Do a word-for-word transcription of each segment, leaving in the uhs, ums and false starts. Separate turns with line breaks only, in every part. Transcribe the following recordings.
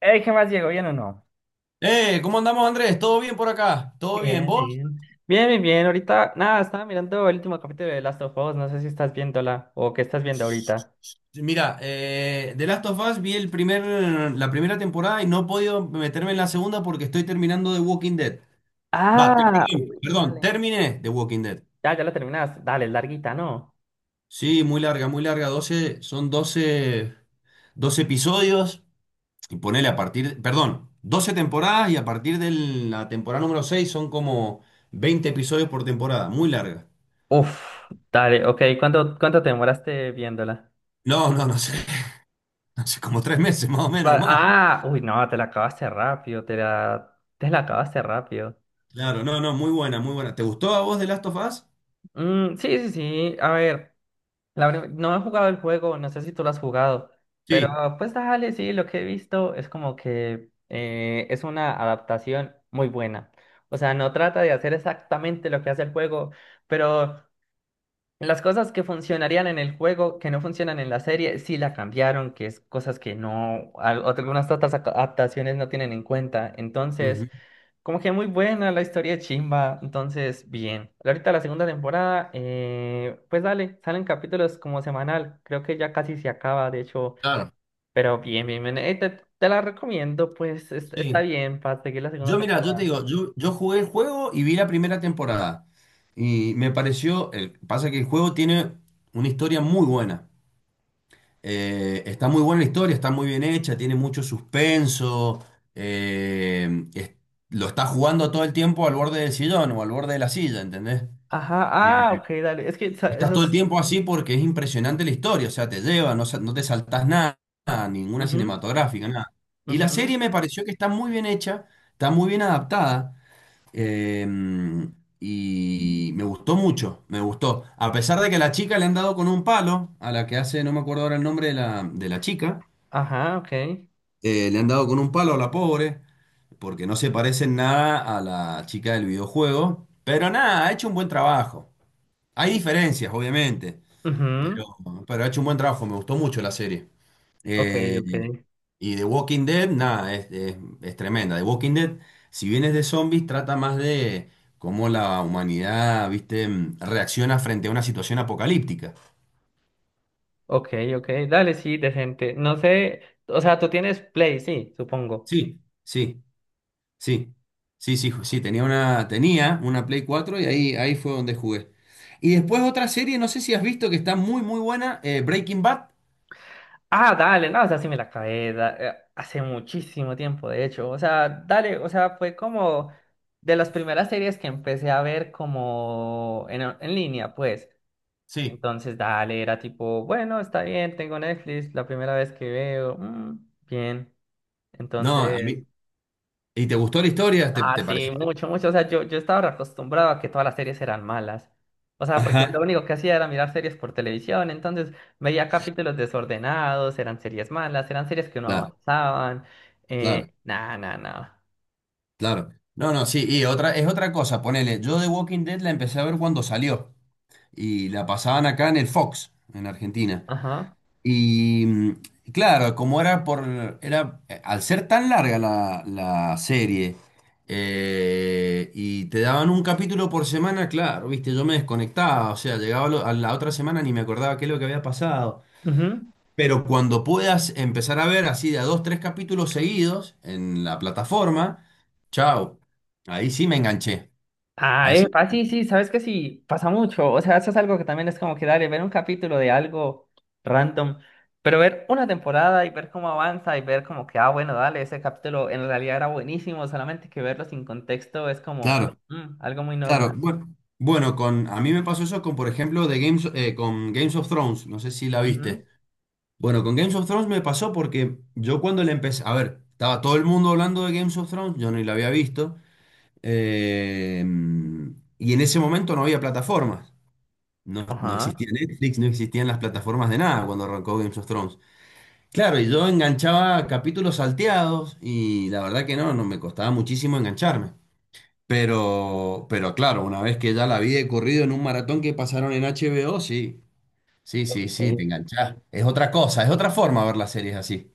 Ey, ¿qué más, Diego? ¿Bien o no?
Eh, ¿cómo andamos, Andrés? ¿Todo bien por acá? ¿Todo bien?
Bien,
¿Vos?
bien. Bien, bien, bien. Ahorita, nada, estaba mirando el último capítulo de Last of Us. No sé si estás viéndola o qué estás viendo ahorita.
Mira, eh, The Last of Us vi el primer, la primera temporada y no he podido meterme en la segunda porque estoy terminando The Walking Dead. Va,
Ah,
terminé,
uy,
perdón,
dale.
terminé The Walking Dead.
Ya, ya la terminas. Dale, es larguita, ¿no?
Sí, muy larga, muy larga. Doce, son doce, doce episodios y ponele a partir, perdón, doce temporadas y a partir de la temporada número seis son como veinte episodios por temporada. Muy larga.
Uf, dale, ok. ¿Cuánto, cuánto te demoraste viéndola?
No, no, no sé. Hace como tres meses más o menos o
Pa-
más.
Ah, uy, no, te la acabaste rápido. Te la, te la acabaste rápido.
Claro, no, no, muy buena, muy buena. ¿Te gustó a vos The Last of Us?
Mm, sí, sí, sí. A ver. La verdad, no he jugado el juego, no sé si tú lo has jugado, pero
Sí,
pues dale, sí, lo que he visto es como que eh, es una adaptación muy buena. O sea, no trata de hacer exactamente lo que hace el juego, pero las cosas que funcionarían en el juego, que no funcionan en la serie, sí la cambiaron, que es cosas que no, al- algunas otras aca- adaptaciones no tienen en cuenta.
ujú,
Entonces, como que muy buena la historia chimba, entonces bien. Ahorita la segunda temporada, eh, pues dale, salen capítulos como semanal, creo que ya casi se acaba, de hecho,
claro.
pero bien, bien, bien. Eh, te, te la recomiendo, pues es- está
Sí.
bien para seguir la segunda
Yo, mira, yo
temporada.
te digo, yo, yo jugué el juego y vi la primera temporada. Y me pareció, el, pasa que el juego tiene una historia muy buena. Eh, está muy buena la historia, está muy bien hecha, tiene mucho suspenso. eh, es- lo está jugando todo el tiempo al borde del sillón o al borde de la silla, ¿entendés?
Ajá, ah, ok, dale, es que esa-
Estás todo el
esas...
tiempo así porque es impresionante la historia, o sea, te lleva, no, sa- no te saltás nada, ninguna cinematográfica, nada. Y
Ujú,
la
ujú.
serie me pareció que está muy bien hecha, está muy bien adaptada, eh, y me gustó mucho, me gustó. A pesar de que a la chica le han dado con un palo, a la que hace, no me acuerdo ahora el nombre de la, de la chica,
Ajá, ok.
eh, le han dado con un palo a la pobre, porque no se parece en nada a la chica del videojuego, pero nada, ha hecho un buen trabajo. Hay diferencias, obviamente. Pero,
Ujú.
pero ha hecho un buen trabajo, me gustó mucho la serie.
Ok,
Eh,
ok,
y The Walking Dead, nada, es, es- es tremenda. The Walking Dead, si bien es de zombies, trata más de cómo la humanidad, viste, mm, reacciona frente a una situación apocalíptica.
ok, ok, dale, sí, decente. No sé, o sea, tú tienes Play, sí, supongo.
Sí, sí, sí, sí, sí, ju- sí, tenía una, tenía una Play cuatro y ahí, ahí fue donde jugué. Y después otra serie, no sé si has visto que está muy, muy buena, eh, Breaking Bad.
Ah, dale, no, o sea, sí me la acabé da- eh, hace muchísimo tiempo, de hecho. O sea, dale, o sea, fue como de las primeras series que empecé a ver como en, en línea, pues.
Sí.
Entonces, dale, era tipo, bueno, está bien, tengo Netflix, la primera vez que veo, mm, bien.
No, a
Entonces,
mí. ¿Y te gustó la historia? ¿Te,
ah,
te
sí,
pareció?
mucho, mucho. O sea, yo, yo estaba acostumbrado a que todas las series eran malas. O sea, porque
Ajá.
lo único que hacía era mirar series por televisión. Entonces veía capítulos desordenados, eran series malas, eran series que no
Claro.
avanzaban.
Claro,
Eh, nah, nah, nah.
claro. No, no, sí, y otra, es otra cosa, ponele, yo The Walking Dead la empecé a ver cuando salió y la pasaban acá en el Fox, en Argentina.
Ajá.
Y mm, claro, como era por, era, eh, al ser tan larga la, la serie eh, y te daban un capítulo por semana, claro, viste, yo me desconectaba, o sea, llegaba lo- a la otra semana ni me acordaba qué es lo que había pasado.
Ujú.
Pero cuando puedas empezar a ver así de a dos, tres capítulos seguidos en la plataforma, chao, ahí sí me enganché.
Ah,
Ahí sí.
epa, sí, sí, sabes que sí, pasa mucho. O sea, eso es algo que también es como que dale, ver un capítulo de algo random, pero ver una temporada y ver cómo avanza y ver como que, ah, bueno, dale, ese capítulo en realidad era buenísimo, solamente que verlo sin contexto es como
Claro,
mm, algo muy
claro.
normal.
Bueno, bueno, con, a mí me pasó eso con, por ejemplo, de Games, eh, con Games of Thrones, no sé si la
Ujú.
viste. Bueno, con Games of Thrones me pasó porque yo cuando le empecé, a ver, estaba todo el mundo hablando de Games of Thrones, yo ni la había visto, eh, y en ese momento no había plataformas. No, no
Ajá.
existía Netflix, no existían las plataformas de nada cuando arrancó Games of Thrones. Claro, y yo enganchaba capítulos salteados y la verdad que no, no me costaba muchísimo engancharme. Pero, pero claro, una vez que ya la vi de corrido en un maratón que pasaron en H B O, sí, sí, sí, sí, te
Ok.
enganchás. Es otra cosa, es otra forma ver las series así.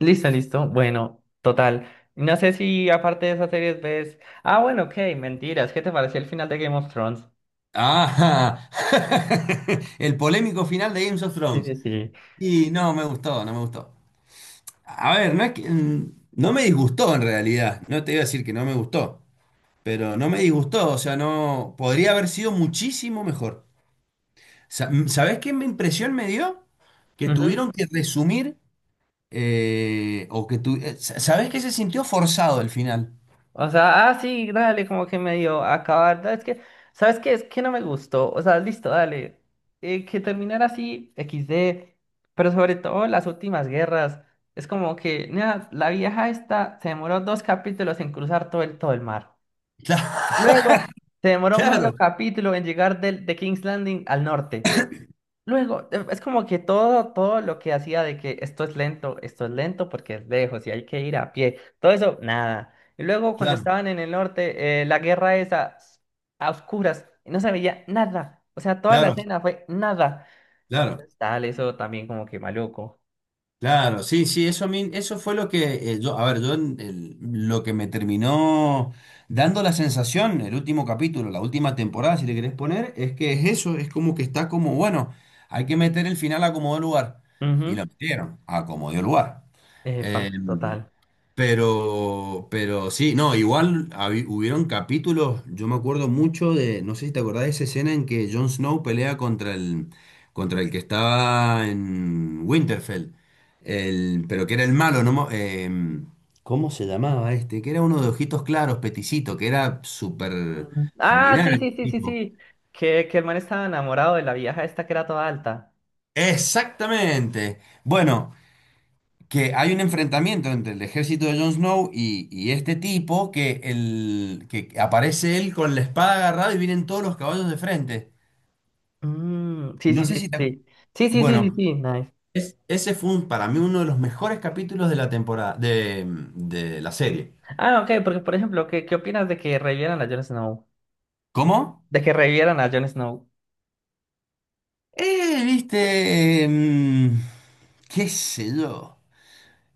Listo, listo. Bueno, total. No sé si aparte de esas series ves. Ah, bueno, ok, mentiras. ¿Qué te pareció el final de Game of Thrones?
Ah, el polémico final de Games of
Sí,
Thrones.
sí, sí.
Y no me gustó, no me gustó. A ver, no es que, mm, no me disgustó en realidad. No te iba a decir que no me gustó, pero no me disgustó, o sea, no, podría haber sido muchísimo mejor. Sa- ¿Sabés qué me- impresión me dio? Que
Ujú.
tuvieron que resumir, eh, o que tu- eh, sa- ¿sabés qué se sintió forzado al final?
O sea, ah, sí, dale, como que medio acabar. da, Es que, ¿sabes qué? Es que no me gustó. O sea, listo, dale. Eh, que terminara así, equis de. Pero sobre todo las últimas guerras. Es como que, nada, la vieja esta se demoró dos capítulos en cruzar todo el, todo el mar.
Cla-
Luego, se demoró medio
Claro,
capítulo en llegar del, de King's Landing al norte. Luego, e- es como que todo, todo lo que hacía de que esto es lento, esto es lento porque es lejos y hay que ir a pie, todo eso, nada. Y luego cuando
claro,
estaban en el norte, eh, la guerra esa, s- a oscuras, y no se veía nada. O sea, toda la
claro,
escena fue nada.
claro,
Entonces, tal, eso también como que maluco.
claro, sí, sí, eso, a mí- eso fue lo que, eh, yo, a ver, yo, en el- lo que me terminó dando la sensación, el último capítulo, la última temporada, si le querés poner, es que es eso, es como que está como, bueno, hay que meter el final a como dio lugar, y
Ujú.
lo metieron a como dio lugar.
Epa,
Eh,
total.
Pero, pero sí, no, igual habi- hubieron capítulos, yo me acuerdo mucho de, no sé si te acordás de esa escena en que Jon Snow pelea contra el, contra el que estaba en Winterfell, el, pero que era el malo, ¿no? mo- em, ¿cómo se llamaba este? Que era uno de ojitos claros, peticito, que era súper
Mm. Ah, sí,
sanguinario.
sí, sí, sí,
Tipo.
sí. Que, que el man estaba enamorado de la vieja esta que era toda alta.
Exactamente. Bueno, que hay un enfrentamiento entre el ejército de Jon Snow y, y este tipo que, el, que aparece él con la espada agarrada y vienen todos los caballos de frente.
Mm, sí,
No
sí,
sé
sí,
si te-
sí. Sí, sí, sí, sí, sí,
Bueno,
sí, sí.
es- ese fue un- para mí uno de los mejores capítulos de la temporada, de, de la serie.
Ah, ok, porque por ejemplo, ¿qué, qué opinas de que revivieran a Jon Snow?
¿Cómo?
De que revivieran a Jon Snow.
Eh, viste, mm, qué sé yo.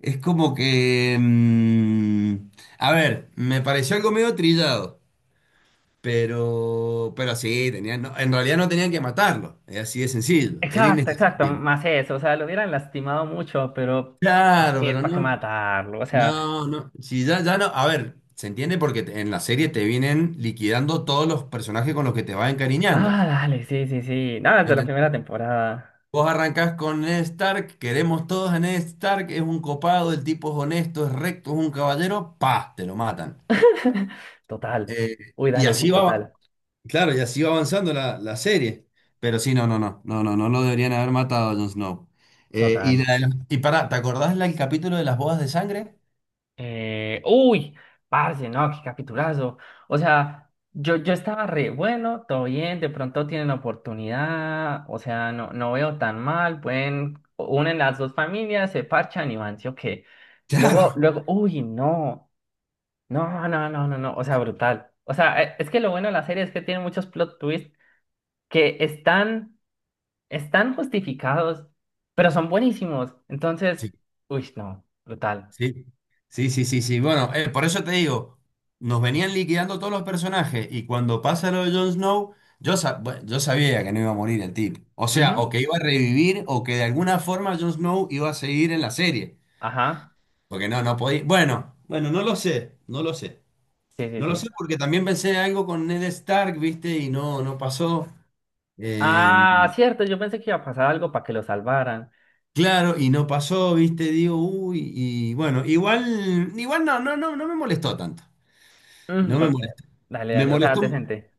Es como que, mm, a ver, me pareció algo medio trillado. Pero, pero sí, tenían, no, en realidad no tenían que matarlo, es así de sencillo, era
Exacto, exacto,
innecesario.
más eso, o sea, lo hubieran lastimado mucho, pero ¿para
Claro,
qué,
pero
para qué
no,
matarlo? O sea,
no, no, si ya, ya no, a ver, se entiende porque te- en la serie te vienen liquidando todos los personajes con los que te vas encariñando,
ah, dale, sí, sí, sí, nada, de la
¿entendés?
primera temporada,
Vos arrancás con Ned Stark, queremos todos a Ned Stark, es un copado, el tipo es honesto, es recto, es un caballero, pa, te lo matan.
total,
Eh,
uy,
y
dale, sí,
así va.
total,
Claro, y así va avanzando la, la serie. Pero sí, no, no, no, no, no, no lo deberían haber matado a Jon Snow. Eh, y,
total.
la de las- y Pará, ¿te acordás la- el capítulo de las bodas de sangre?
Eh, uy, parce, no, qué capitulazo. O sea, yo, yo estaba re bueno, todo bien, de pronto tienen oportunidad, o sea, no, no veo tan mal, pueden, unen las dos familias, se parchan y van, sí o qué.
Claro.
Luego, luego, uy, no, no, no, no, no, no, o sea, brutal. O sea, eh, es que lo bueno de la serie es que tiene muchos plot twists que están, están justificados, pero son buenísimos. Entonces,
Sí,
uy, no, brutal.
sí, sí, sí, sí, sí. Bueno, eh, por eso te digo, nos venían liquidando todos los personajes y cuando pasa lo de Jon Snow, yo, sa- bueno, yo sabía que no iba a morir el tipo. O sea,
Ujú,
o que iba a revivir o que de alguna forma Jon Snow iba a seguir en la serie.
ajá,
Porque no, no podía. Bueno, bueno, no lo sé, no lo sé.
sí, sí,
No lo
sí.
sé porque también pensé algo con Ned Stark, ¿viste? Y no, no pasó. Eh,
Ah, cierto, yo pensé que iba a pasar algo para que lo salvaran.
claro, y no pasó, ¿viste? Digo, uy, y bueno, igual, igual no, no, no, no me molestó tanto.
Mm,
No me
porque,
molestó.
dale,
Me
dale, o sea,
molestó.
decente.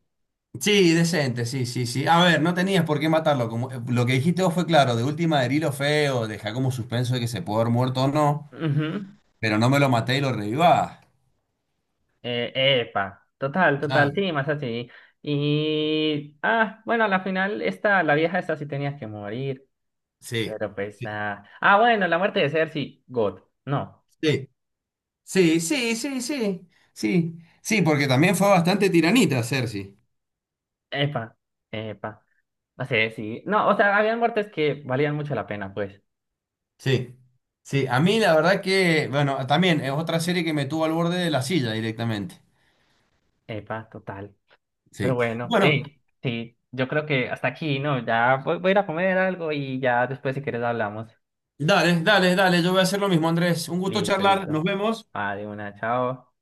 Sí, decente, sí, sí, sí. A ver, no tenías por qué matarlo. Como, eh, lo que dijiste vos fue claro, de última herilo feo, deja como suspenso de que se pudo haber muerto o no,
Ujú.
pero no me lo maté y lo revivá.
Eh, epa, total, total,
Claro,
sí, más así. Y, ah, bueno, a la final, esta, la vieja esta sí tenía que morir,
sí,
pero pues
sí,
nada. Ah, bueno, la muerte de Cersei, God, no,
sí. Sí, sí, sí, sí, sí, sí, porque también fue bastante tiranita Cersei.
epa, epa, no sé, sí, no, o sea, habían muertes que valían mucho la pena, pues,
Sí, sí, a mí la verdad que, bueno, también es otra serie que me tuvo al borde de la silla directamente.
epa, total. Pero
Sí.
bueno, hey,
Bueno,
sí, yo creo que hasta aquí, ¿no? Ya voy, voy a ir a comer algo y ya después si quieres hablamos.
dale, dale, dale, yo voy a hacer lo mismo, Andrés. Un gusto
Listo,
charlar, nos
listo.
vemos.
Ah, de una, chao.